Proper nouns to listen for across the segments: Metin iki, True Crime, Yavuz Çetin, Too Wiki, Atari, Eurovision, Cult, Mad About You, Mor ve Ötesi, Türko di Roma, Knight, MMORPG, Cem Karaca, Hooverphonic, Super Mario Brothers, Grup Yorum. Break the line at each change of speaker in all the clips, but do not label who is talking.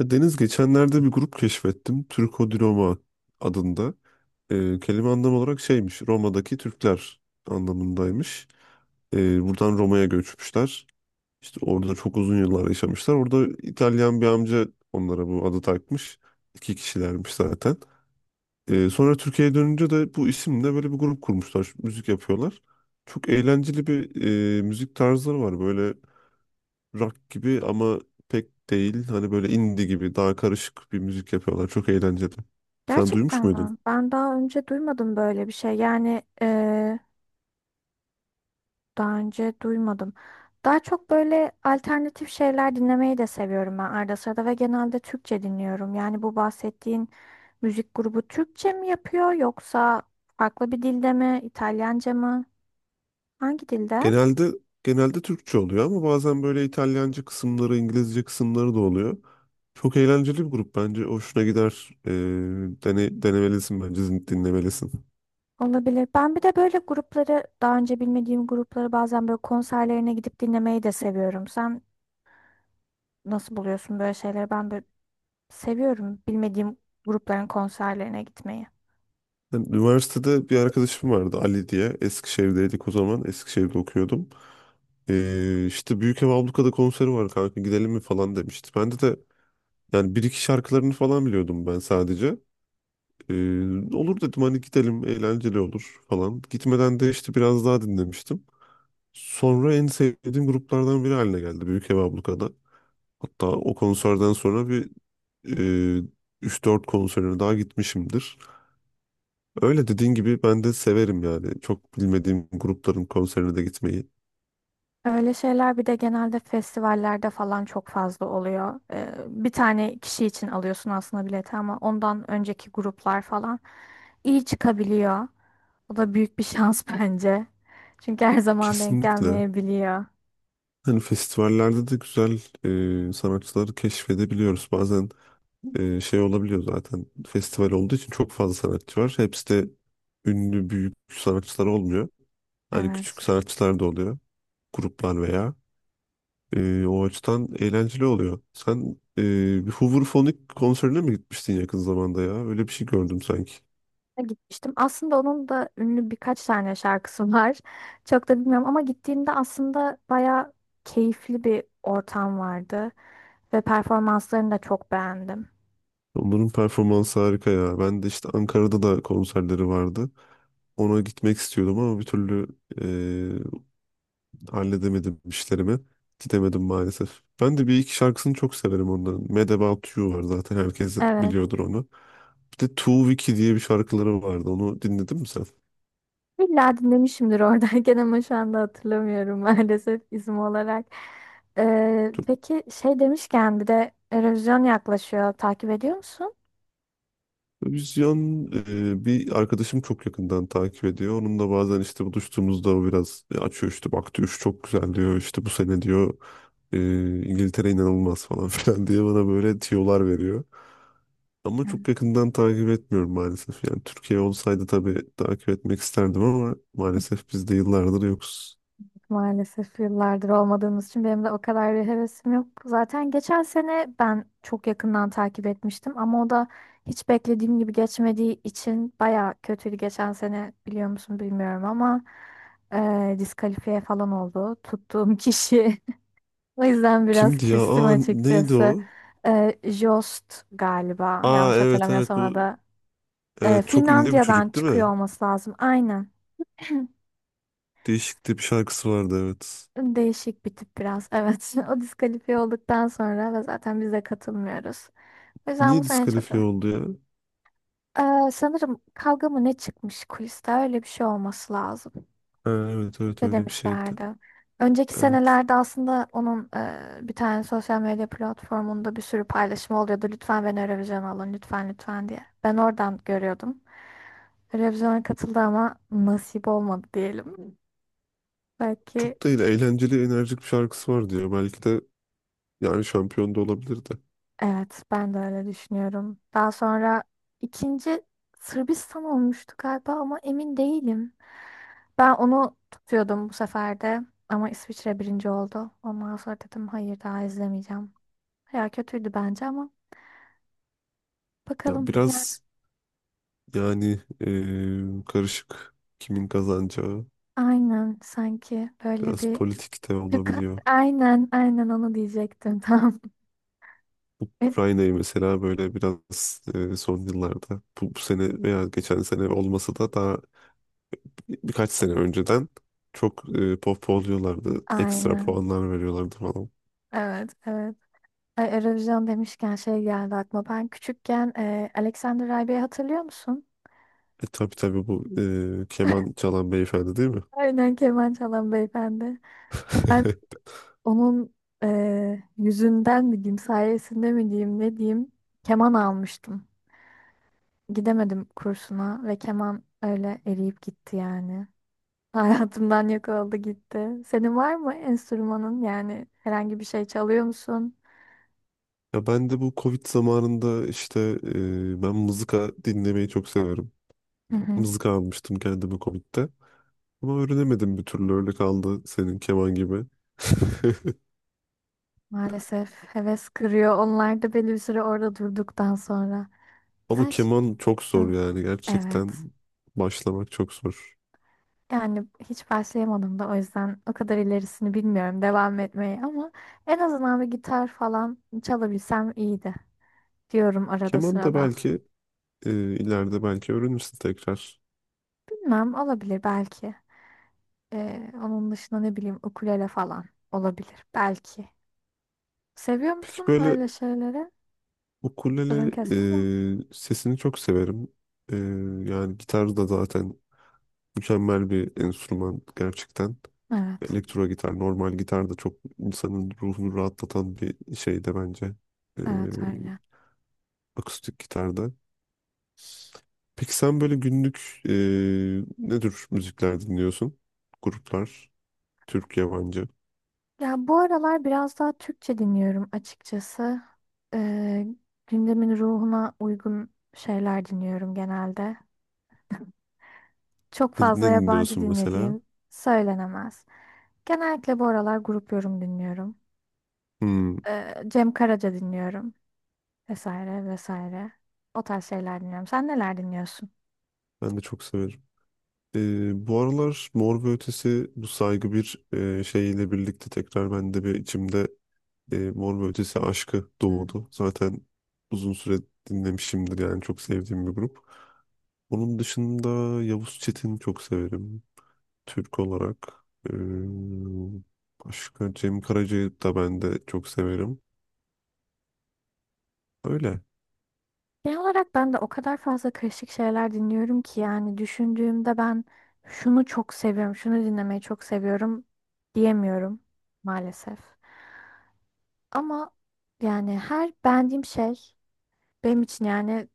Ya Deniz geçenlerde bir grup keşfettim. Türko di Roma adında. Kelime anlam olarak şeymiş. Roma'daki Türkler anlamındaymış. Buradan Roma'ya göçmüşler. İşte orada çok uzun yıllar yaşamışlar. Orada İtalyan bir amca onlara bu adı takmış. İki kişilermiş zaten. Sonra Türkiye'ye dönünce de bu isimle böyle bir grup kurmuşlar. Müzik yapıyorlar. Çok eğlenceli bir müzik tarzları var. Böyle rock gibi ama pek değil. Hani böyle indie gibi daha karışık bir müzik yapıyorlar. Çok eğlenceli. Sen duymuş
Gerçekten
muydun?
mi? Ben daha önce duymadım böyle bir şey. Yani daha önce duymadım. Daha çok böyle alternatif şeyler dinlemeyi de seviyorum ben arada sırada ve genelde Türkçe dinliyorum. Yani bu bahsettiğin müzik grubu Türkçe mi yapıyor yoksa farklı bir dilde mi? İtalyanca mı? Hangi dilde?
Genelde genelde Türkçe oluyor ama bazen böyle İtalyanca kısımları, İngilizce kısımları da oluyor. Çok eğlenceli bir grup bence. Hoşuna gider. Denemelisin bence, dinlemelisin.
Olabilir. Ben bir de böyle grupları daha önce bilmediğim grupları bazen böyle konserlerine gidip dinlemeyi de seviyorum. Sen nasıl buluyorsun böyle şeyleri? Ben böyle Seviyorum bilmediğim grupların konserlerine gitmeyi.
Ben üniversitede bir arkadaşım vardı Ali diye. Eskişehir'deydik o zaman. Eskişehir'de okuyordum. İşte Büyükev Abluka'da konseri var kanka gidelim mi falan demişti. Bende de, yani bir iki şarkılarını falan biliyordum ben sadece. Ee, olur dedim hani gidelim eğlenceli olur falan. Gitmeden de işte biraz daha dinlemiştim. Sonra en sevdiğim gruplardan biri haline geldi Büyük Ev Abluka'da. Hatta o konserden sonra bir e, 3-4 konserine daha gitmişimdir. Öyle dediğin gibi ben de severim yani. Çok bilmediğim grupların konserine de gitmeyi.
Öyle şeyler bir de genelde festivallerde falan çok fazla oluyor. Bir tane kişi için alıyorsun aslında bileti ama ondan önceki gruplar falan iyi çıkabiliyor. O da büyük bir şans bence. Çünkü her zaman denk
Kesinlikle.
gelmeyebiliyor.
Hani festivallerde de güzel sanatçıları keşfedebiliyoruz. Bazen şey olabiliyor zaten festival olduğu için çok fazla sanatçı var. Hepsi de ünlü büyük sanatçılar olmuyor. Hani
Evet.
küçük sanatçılar da oluyor. Gruplar veya. E, o açıdan eğlenceli oluyor. Sen, e, bir Hooverphonic konserine mi gitmiştin yakın zamanda ya? Öyle bir şey gördüm sanki.
Gitmiştim. Aslında onun da ünlü birkaç tane şarkısı var. Çok da bilmiyorum ama gittiğimde aslında bayağı keyifli bir ortam vardı ve performanslarını da çok beğendim.
Onların performansı harika ya. Ben de işte Ankara'da da konserleri vardı. Ona gitmek istiyordum ama bir türlü halledemedim işlerimi. Gidemedim maalesef. Ben de bir iki şarkısını çok severim onların. Mad About You var zaten herkes
Evet.
biliyordur onu. Bir de Too Wiki diye bir şarkıları vardı. Onu dinledin mi sen?
İlla dinlemişimdir oradayken ama şu anda hatırlamıyorum maalesef isim olarak. Peki şey demişken bir de Eurovision yaklaşıyor. Takip ediyor musun?
Vizyon, bir arkadaşım çok yakından takip ediyor. Onunla bazen işte buluştuğumuzda o biraz açıyor işte baktı üç çok güzel diyor. İşte bu sene diyor e, İngiltere inanılmaz falan filan diye bana böyle tiyolar veriyor. Ama çok yakından takip etmiyorum maalesef. Yani Türkiye olsaydı tabii takip etmek isterdim ama maalesef biz de yıllardır yokuz.
Maalesef yıllardır olmadığımız için benim de o kadar bir hevesim yok. Zaten geçen sene ben çok yakından takip etmiştim ama o da hiç beklediğim gibi geçmediği için baya kötüydü geçen sene, biliyor musun bilmiyorum ama diskalifiye falan oldu tuttuğum kişi. O yüzden biraz
Kimdi ya?
küstüm
Aa, neydi o?
açıkçası. Jost galiba,
Aa,
yanlış
evet evet,
hatırlamıyorsam o
bu,
da.
evet, çok ünlü bir
Finlandiya'dan
çocuk değil
çıkıyor
mi?
olması lazım aynen.
Değişikti, bir şarkısı vardı, evet.
Değişik bir tip biraz. Evet. O diskalifiye olduktan sonra ve zaten biz de katılmıyoruz. O yüzden bu
Niye
sene çok...
diskalifiye oldu ya?
Sanırım kavga mı ne çıkmış kuliste, öyle bir şey olması lazım.
Ha, evet evet,
Ne
öyle bir şeydi.
demişlerdi. Önceki
Evet.
senelerde aslında onun bir tane sosyal medya platformunda bir sürü paylaşım oluyordu. Lütfen beni Eurovision alın, lütfen lütfen diye. Ben oradan görüyordum. Eurovision'a katıldı ama nasip olmadı diyelim. Belki
Çok da öyle eğlenceli enerjik bir şarkısı var diyor. Belki de yani şampiyon da olabilirdi.
Evet, ben de öyle düşünüyorum. Daha sonra ikinci Sırbistan olmuştu galiba ama emin değilim. Ben onu tutuyordum bu sefer de ama İsviçre birinci oldu. Ondan sonra dedim hayır, daha izlemeyeceğim. Ya kötüydü bence ama
Ya
bakalım yani.
biraz, yani karışık kimin kazanacağı.
Aynen, sanki böyle
Biraz
bir
politik de
yukarı,
olabiliyor.
aynen aynen onu diyecektim tam. E,
Ukrayna'yı mesela böyle biraz son yıllarda bu sene veya geçen sene olmasa da daha birkaç sene önceden çok pohpohluyorlardı. Ekstra
Aynen.
puanlar veriyorlardı falan.
Evet, evet. Ay, Eurovision demişken şey geldi aklıma. Ben küçükken Alexander Rybak'ı hatırlıyor musun?
E tabii tabii, bu keman çalan beyefendi değil mi?
Aynen, keman çalan beyefendi. Ben onun yüzünden mi diyeyim, sayesinde mi diyeyim, ne diyeyim, keman almıştım. Gidemedim kursuna ve keman öyle eriyip gitti yani. Hayatımdan yok oldu gitti. Senin var mı enstrümanın, yani herhangi bir şey çalıyor musun?
Ya ben de bu Covid zamanında işte, ben mızıka dinlemeyi çok severim.
Hı hı.
Mızıka almıştım kendime Covid'de. Ama öğrenemedim bir türlü, öyle kaldı senin keman gibi.
Maalesef heves kırıyor. Onlar da belli bir süre orada durduktan sonra. Ben
Ama
şi-
keman çok zor
Hı.
yani, gerçekten
Evet.
başlamak çok zor.
Yani hiç başlayamadım da o yüzden o kadar ilerisini bilmiyorum devam etmeyi ama en azından bir gitar falan çalabilsem iyiydi diyorum arada
Keman da
sırada.
belki ileride belki öğrenirsin tekrar.
Bilmem, olabilir belki. Onun dışında ne bileyim, ukulele falan olabilir belki. Seviyor
Peki
musun
böyle
öyle şeyleri? Sözün
ukulele
kesme ama.
sesini çok severim. E, Yani gitar da zaten mükemmel bir enstrüman gerçekten.
Evet,
Elektro gitar, normal gitar da çok insanın ruhunu rahatlatan bir şey de bence. E,
evet öyle.
Akustik gitarda. Peki sen böyle günlük, ne tür müzikler dinliyorsun? Gruplar. Türk, yabancı.
Ya bu aralar biraz daha Türkçe dinliyorum açıkçası. Ee, Gündemin ruhuna uygun şeyler dinliyorum genelde. Çok
Ne, ne
fazla yabancı
dinliyorsun mesela?
dinlediğim söylenemez. Genellikle bu aralar grup yorum dinliyorum.
Hmm,
Cem Karaca dinliyorum, vesaire vesaire. O tarz şeyler dinliyorum. Sen neler dinliyorsun?
ben de çok severim. Bu aralar Mor ve Ötesi, bu saygı bir şeyle birlikte tekrar bende bir içimde Mor ve Ötesi aşkı doğdu. Zaten uzun süre dinlemişimdir yani, çok sevdiğim bir grup. Onun dışında Yavuz Çetin çok severim Türk olarak. Ee, Başka Cem Karaca'yı da ben de çok severim. Öyle.
Genel olarak ben de o kadar fazla karışık şeyler dinliyorum ki yani düşündüğümde ben şunu çok seviyorum, şunu dinlemeyi çok seviyorum diyemiyorum maalesef. Ama yani her beğendiğim şey benim için yani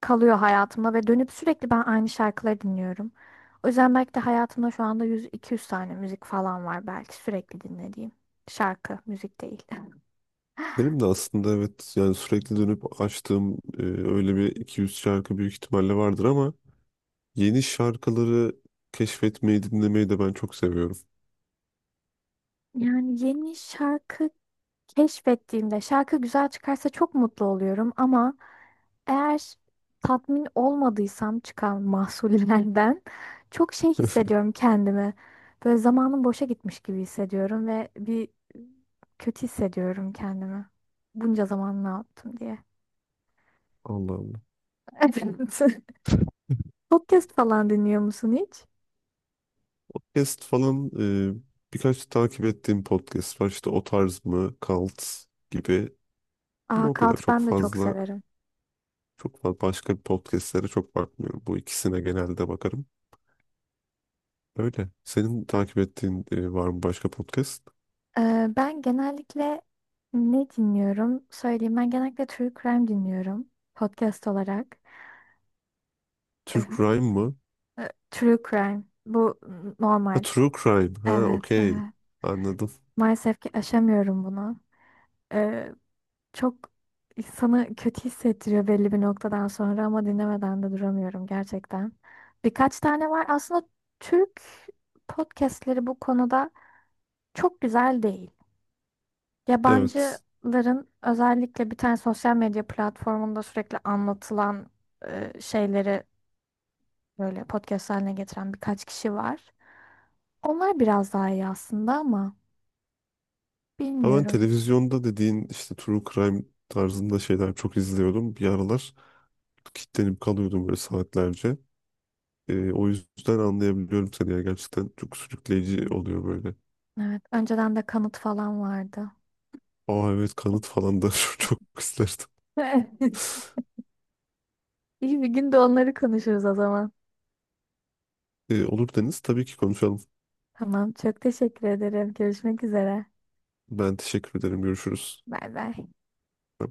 kalıyor hayatımda ve dönüp sürekli ben aynı şarkıları dinliyorum. O yüzden belki de hayatımda şu anda 100-200 tane müzik falan var belki sürekli dinlediğim. Şarkı, müzik değil.
Benim de aslında evet yani sürekli dönüp açtığım öyle bir 200 şarkı büyük ihtimalle vardır ama yeni şarkıları keşfetmeyi dinlemeyi de ben çok seviyorum.
Yani yeni şarkı keşfettiğimde şarkı güzel çıkarsa çok mutlu oluyorum ama eğer tatmin olmadıysam çıkan mahsullerden çok şey hissediyorum kendimi. Böyle zamanım boşa gitmiş gibi hissediyorum ve bir kötü hissediyorum kendimi. Bunca zaman ne yaptım diye.
Allah Allah.
Evet. Podcast falan dinliyor musun hiç?
Podcast falan, e, birkaç takip ettiğim podcast var işte, o tarz mı, Cult gibi, ama
Aa,
o kadar
Kalt
çok
ben de çok
fazla
severim.
çok fazla başka bir podcastlere çok bakmıyorum. Bu ikisine genelde bakarım. Öyle. Senin takip ettiğin var mı başka podcast?
Ben genellikle ne dinliyorum? Söyleyeyim. Ben genellikle True Crime dinliyorum. Podcast olarak. Ee,
Türk Rhyme mı?
True Crime. Bu
Ha,
normal.
True Crime. Ha,
Evet,
okey.
evet.
Anladım.
Maalesef ki aşamıyorum bunu. Ee, Çok insanı kötü hissettiriyor belli bir noktadan sonra ama dinlemeden de duramıyorum gerçekten. Birkaç tane var. Aslında Türk podcastleri bu konuda çok güzel değil.
Evet.
Yabancıların özellikle bir tane sosyal medya platformunda sürekli anlatılan şeyleri böyle podcast haline getiren birkaç kişi var. Onlar biraz daha iyi aslında ama
Ha, ben
bilmiyorum.
televizyonda dediğin işte True Crime tarzında şeyler çok izliyordum. Bir aralar kilitlenip kalıyordum böyle saatlerce. O yüzden anlayabiliyorum seni ya. Gerçekten çok sürükleyici oluyor böyle.
Evet, önceden de kanıt falan vardı.
Aa evet, kanıt falan da çok isterdim.
Evet. İyi bir gün de onları konuşuruz o zaman.
Olur Deniz. Tabii ki konuşalım.
Tamam, çok teşekkür ederim. Görüşmek üzere.
Ben teşekkür ederim. Görüşürüz.
Bay bay.